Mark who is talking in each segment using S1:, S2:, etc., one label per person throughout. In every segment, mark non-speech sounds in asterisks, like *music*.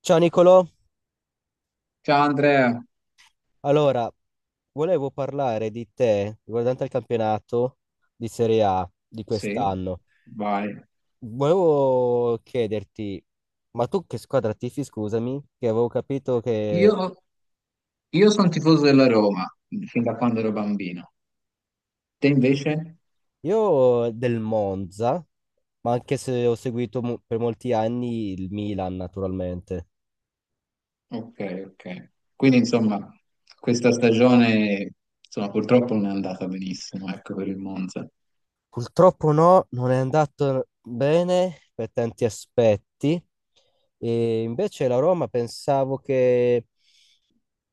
S1: Ciao Nicolò,
S2: Ciao Andrea,
S1: allora volevo parlare di te riguardante il campionato di Serie A di
S2: sì,
S1: quest'anno.
S2: vai.
S1: Volevo chiederti, ma tu che squadra tifi, scusami, che avevo capito che
S2: Io, io sono tifoso della Roma fin da quando ero bambino. Te invece?
S1: io del Monza, ma anche se ho seguito per molti anni il Milan naturalmente.
S2: Ok, ok. Quindi insomma, questa stagione insomma, purtroppo non è andata benissimo, ecco, per il Monza.
S1: Purtroppo no, non è andato bene per tanti aspetti. E invece la Roma pensavo che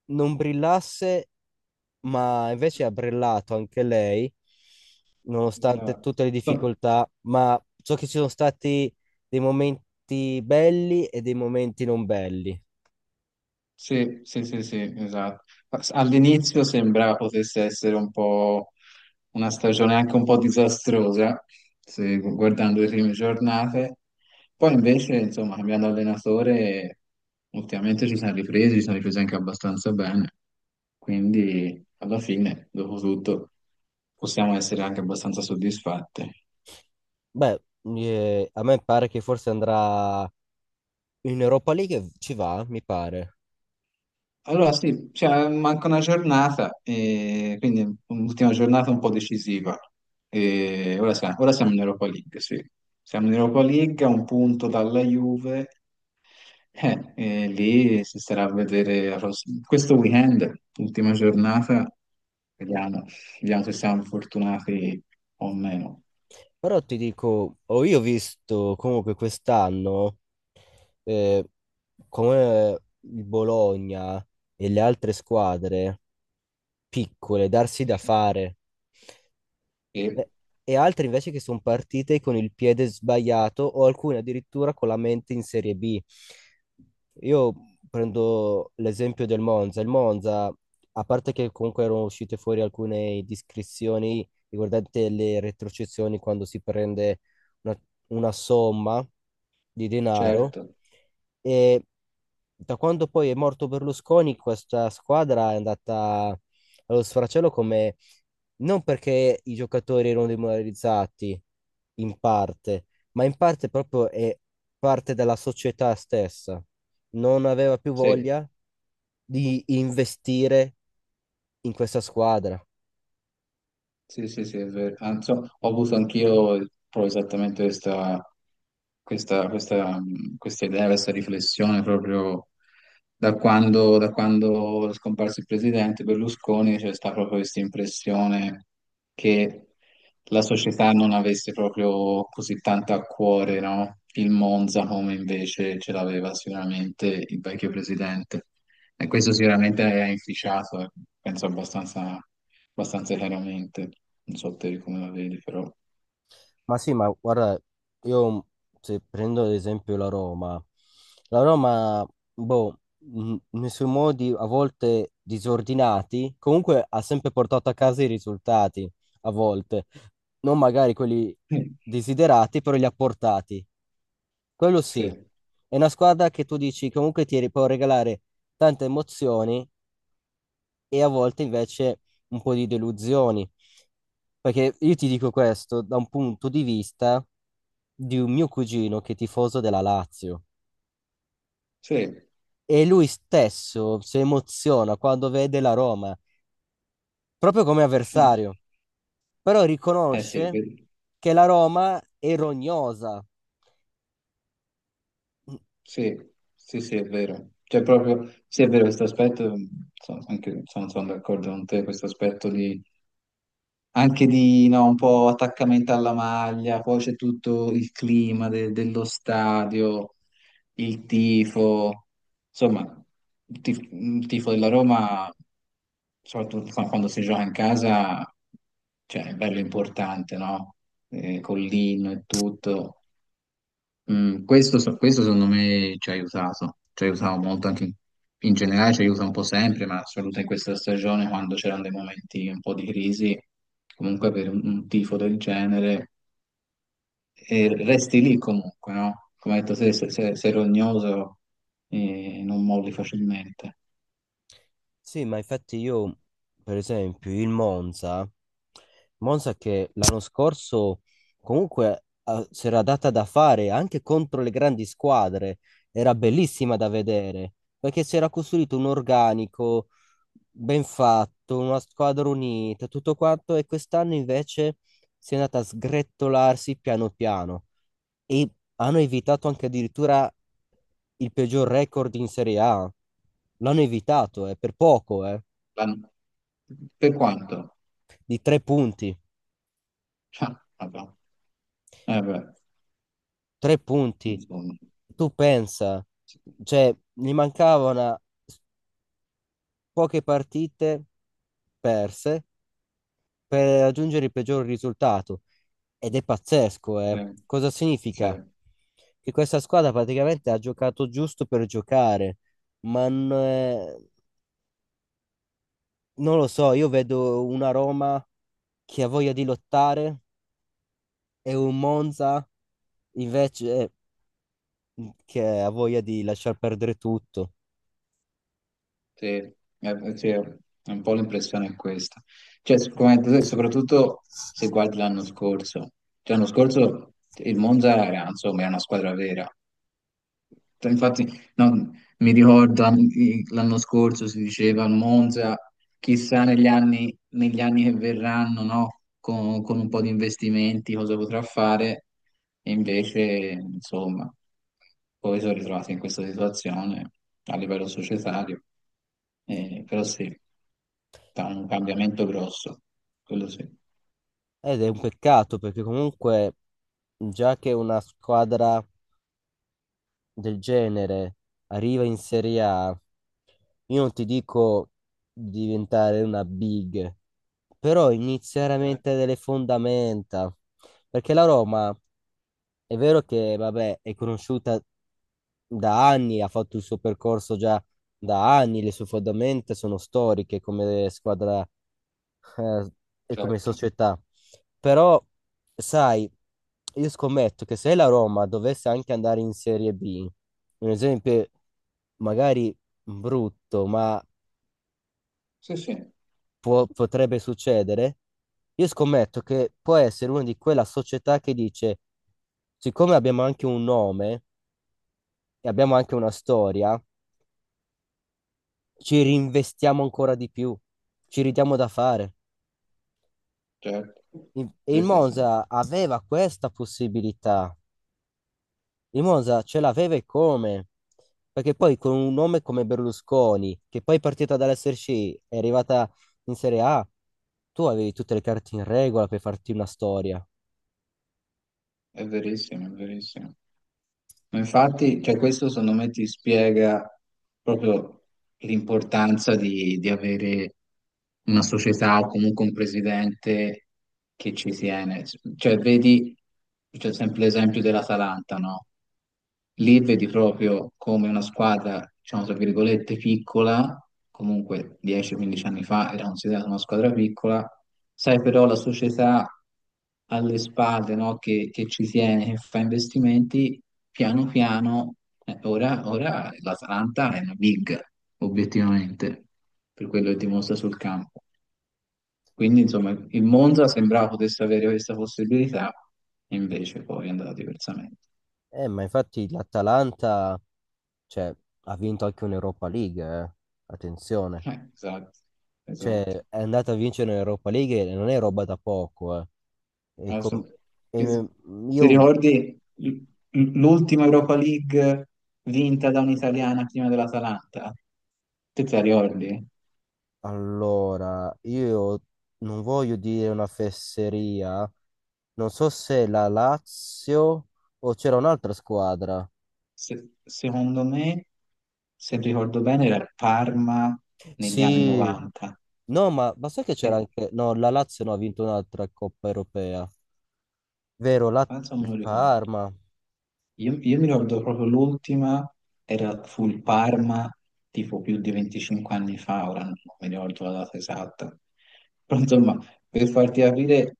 S1: non brillasse, ma invece ha brillato anche lei, nonostante tutte le
S2: Esatto.
S1: difficoltà. Ma so che ci sono stati dei momenti belli e dei momenti non belli.
S2: Sì, sì, sì, sì, esatto. All'inizio sembrava potesse essere un po' una stagione anche un po' disastrosa, guardando le prime giornate. Poi invece, insomma, cambiando allenatore, ultimamente ci siamo ripresi anche abbastanza bene. Quindi, alla fine, dopo tutto, possiamo essere anche abbastanza soddisfatti.
S1: Beh, a me pare che forse andrà in Europa League, ci va, mi pare.
S2: Allora sì, cioè, manca una giornata, e quindi un'ultima giornata un po' decisiva. E ora siamo in Europa League, sì. Siamo in Europa League, a un punto dalla Juve, *laughs* e lì si starà a vedere la questo weekend, ultima giornata, vediamo, vediamo se siamo fortunati o meno.
S1: Però ti dico, ho io visto comunque quest'anno eh, come il Bologna e le altre squadre piccole darsi da
S2: Sì.
S1: fare.
S2: E,
S1: Eh, E altre invece che sono partite con il piede sbagliato o alcune addirittura con la mente in Serie B. Io prendo l'esempio del Monza. Il Monza, a parte che comunque erano uscite fuori alcune discrezioni riguardanti le retrocessioni quando si prende una, una somma di denaro,
S2: certo,
S1: e da quando poi è morto Berlusconi, questa squadra è andata allo sfracello come non perché i giocatori erano demoralizzati in parte, ma in parte proprio è parte della società stessa. Non aveva più
S2: sì.
S1: voglia di investire in questa squadra.
S2: Sì, sì, sì, è vero. Anzi, ho avuto anch'io proprio esattamente questa idea, questa riflessione proprio da quando è scomparso il presidente Berlusconi, c'è stata proprio questa impressione che la società non avesse proprio così tanto a cuore, no? Il Monza come invece ce l'aveva sicuramente il vecchio presidente. E questo sicuramente ha inficiato, penso abbastanza chiaramente. Non so te come la vedi, però.
S1: Ma sì, ma guarda, io se prendo ad esempio la Roma, la Roma, boh, nei suoi modi a volte disordinati, comunque ha sempre portato a casa i risultati, a volte, non magari quelli
S2: Sì,
S1: desiderati, però li ha portati. Quello sì,
S2: sì,
S1: è una squadra che tu dici comunque può regalare tante emozioni e a volte invece un po' di delusioni. Perché io ti dico questo da un punto di vista di un mio cugino che è tifoso della Lazio
S2: sì.
S1: e lui stesso si emoziona quando vede la Roma, proprio come
S2: Eh,
S1: avversario, però
S2: eh sì,
S1: riconosce che la Roma è rognosa.
S2: sì, sì, sì, è vero. Cioè proprio, sì, è vero questo aspetto, sono d'accordo con te, questo aspetto di anche di no, un po' attaccamento alla maglia, poi c'è tutto il clima dello stadio, il tifo, insomma, il tifo, della Roma, soprattutto quando si gioca in casa, cioè, è bello importante, no? Con l'inno e tutto. Questo, questo secondo me ci ha aiutato molto anche in generale, ci aiuta un po' sempre, ma soprattutto in questa stagione quando c'erano dei momenti un po' di crisi, comunque per un tifo del genere, e resti lì comunque, no? Come hai detto te, sei rognoso non molli facilmente.
S1: Sì, ma infatti io, per esempio, il Monza, Monza che l'anno scorso comunque si era data da fare anche contro le grandi squadre, era bellissima da vedere, perché si era costruito un organico ben fatto, una squadra unita, tutto quanto, e quest'anno invece si è andata a sgretolarsi piano piano e hanno evitato anche addirittura il peggior record in Serie A. L'hanno evitato, per poco,
S2: L'hanno- Per quanto?
S1: di 3 punti.
S2: Ah, vabbè. Eh beh,
S1: 3 punti.
S2: insomma,
S1: Tu pensa,
S2: sì,
S1: cioè, gli mancavano poche partite perse per raggiungere il peggior risultato. Ed è pazzesco, eh.
S2: sì.
S1: Cosa
S2: Sì.
S1: significa? Che questa squadra praticamente ha giocato giusto per giocare, ma non lo so, io vedo una Roma che ha voglia di lottare e un Monza invece che ha voglia di lasciar perdere tutto.
S2: Sì, sì, è un po' l'impressione è questa. Cioè, come hai detto te, soprattutto se guardi l'anno scorso. Cioè, l'anno scorso il Monza era, insomma, era una squadra vera. Cioè, infatti, no, mi ricordo l'anno scorso si diceva al Monza, chissà negli anni che verranno, no? Con un po' di investimenti cosa potrà fare, e invece, insomma, poi sono ritrovato in questa situazione a livello societario, però sì, da un cambiamento grosso, quello sì.
S1: Ed è un peccato perché comunque già che una squadra del genere arriva in Serie A, io non ti dico diventare una big, però inizia
S2: Certo,
S1: veramente delle fondamenta, perché la Roma è vero che, vabbè, è conosciuta da anni, ha fatto il suo percorso già da anni, le sue fondamenta sono storiche come squadra, eh, e come
S2: certo.
S1: società. Però, sai, io scommetto che se la Roma dovesse anche andare in Serie B, un esempio magari brutto, ma
S2: Sì, sì,
S1: potrebbe succedere, io scommetto che può essere una di quella società che dice, siccome abbiamo anche un nome, e abbiamo anche una storia, ci rinvestiamo ancora di più, ci ridiamo da fare.
S2: certo.
S1: E il
S2: Sì, sì, sì.
S1: Monza aveva questa possibilità. Il Monza ce l'aveva e come? Perché poi con un nome come Berlusconi, che poi è partita dall'SRC, è arrivata in Serie A, tu avevi tutte le carte in regola per farti una storia.
S2: È verissimo, è verissimo. Ma infatti, cioè, questo secondo me ti spiega proprio l'importanza di avere una società o comunque un presidente che ci tiene. Cioè, vedi, c'è sempre l'esempio dell'Atalanta, no? Lì vedi proprio come una squadra, diciamo, tra virgolette, piccola, comunque 10-15 anni fa era considerata una squadra piccola, sai però la società alle spalle, no? Che ci tiene, che fa investimenti, piano piano, ora l'Atalanta è una big, obiettivamente, per quello che dimostra sul campo. Quindi, insomma, il Monza sembrava potesse avere questa possibilità, e invece poi è andata diversamente.
S1: Ma infatti l'Atalanta, cioè, ha vinto anche un'Europa League, eh. Attenzione.
S2: Esatto,
S1: Cioè,
S2: esatto.
S1: è andata a vincere un'Europa League e non è roba da poco, eh. E com-
S2: Adesso,
S1: e
S2: ti
S1: me-
S2: ti
S1: io
S2: ricordi l'ultima Europa League vinta da un'italiana prima dell'Atalanta? Te la ricordi?
S1: allora, io non voglio dire una fesseria, non so se la Lazio o c'era un'altra squadra.
S2: Secondo me, se ricordo bene, era il Parma negli anni
S1: Sì,
S2: 90.
S1: no, ma sai che c'era
S2: E,
S1: anche... No, la Lazio no, ha vinto un'altra Coppa Europea. Vero, la
S2: penso non me
S1: il
S2: lo ricordo.
S1: Parma.
S2: Io mi ricordo proprio l'ultima, era, fu il Parma, tipo più di 25 anni fa, ora non mi ricordo la data esatta. Però insomma, per farti capire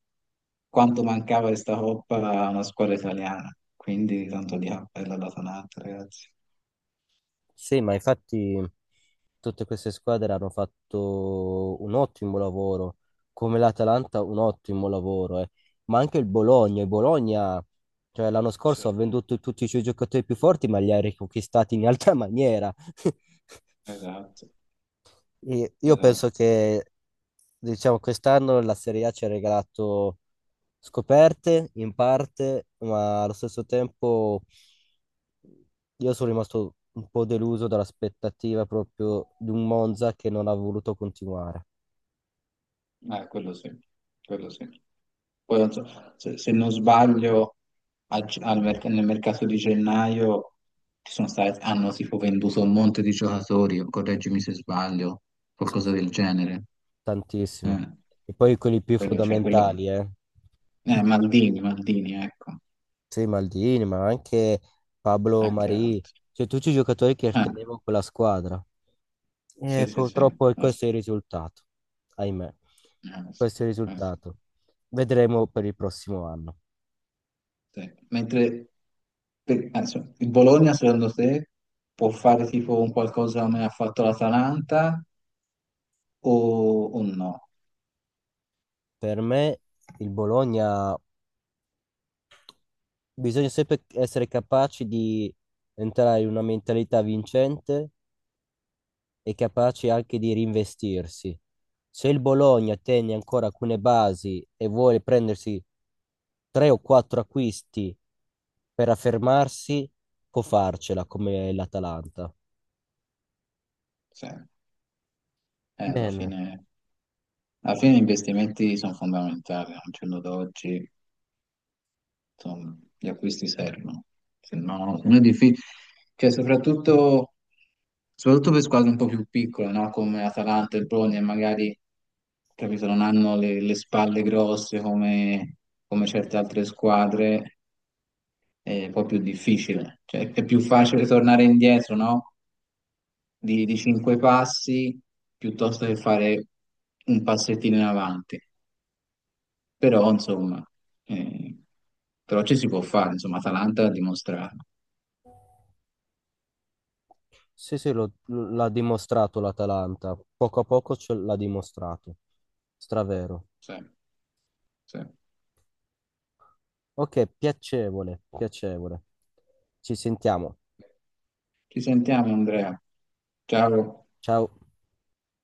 S2: quanto mancava questa coppa a una squadra italiana. Quindi tanto di appello alla Tanat, ragazzi.
S1: Sì, ma infatti tutte queste squadre hanno fatto un ottimo lavoro, come l'Atalanta un ottimo lavoro, eh. Ma anche il Bologna, cioè l'anno scorso ha
S2: Sì,
S1: venduto tutti i suoi giocatori più forti, ma li ha riconquistati in altra maniera. *laughs*
S2: esatto,
S1: E io
S2: esatto.
S1: penso che, diciamo, quest'anno la Serie A ci ha regalato scoperte in parte, ma allo stesso tempo io sono rimasto un po' deluso dall'aspettativa proprio di un Monza che non ha voluto continuare.
S2: Quello sì, quello sì. Poi, non so, se non sbaglio, a ge- al merc- nel mercato di gennaio ci sono stati, hanno tipo venduto un monte di giocatori, correggimi se sbaglio,
S1: Sì,
S2: qualcosa
S1: sì.
S2: del genere.
S1: Tantissimi.
S2: Eh,
S1: E poi quelli più
S2: quello, cioè, quello...
S1: fondamentali, eh. *laughs*
S2: Maldini, Maldini, ecco,
S1: Sì, Maldini, ma anche Pablo
S2: anche
S1: Marì,
S2: altri.
S1: cioè tutti i giocatori che
S2: Eh,
S1: tenevano quella squadra.
S2: sì,
S1: E
S2: sì, sì.
S1: purtroppo
S2: Sì,
S1: questo è il risultato, ahimè.
S2: sì,
S1: Questo è il
S2: sì,
S1: risultato. Vedremo per il prossimo anno.
S2: sì. Mentre adesso, il Bologna, secondo te, può fare tipo un qualcosa come ha fatto l'Atalanta o, o no?
S1: Per me il Bologna bisogna sempre essere capaci di entrare in una mentalità vincente e capaci anche di reinvestirsi. Se il Bologna tiene ancora alcune basi e vuole prendersi 3 o 4 acquisti per affermarsi, può farcela come l'Atalanta.
S2: Cioè, alla
S1: Bene,
S2: fine gli investimenti sono fondamentali, al giorno d'oggi insomma, gli acquisti servono, se no non è difficile, cioè, soprattutto per squadre un po' più piccole, no? Come Atalanta e Bologna, magari capito, non hanno le spalle grosse come certe altre squadre, è un po' più difficile, cioè, è più facile tornare indietro, no? Di cinque passi piuttosto che fare un passettino in avanti. Però, insomma, eh, però ci si può fare, insomma, Atalanta ha dimostrato.
S1: sì, sì, l'ha dimostrato l'Atalanta. Poco a poco ce l'ha dimostrato. Stravero.
S2: Sì, sì.
S1: Ok, piacevole, piacevole. Ci sentiamo.
S2: Ci sentiamo, Andrea. Ciao.
S1: Ciao.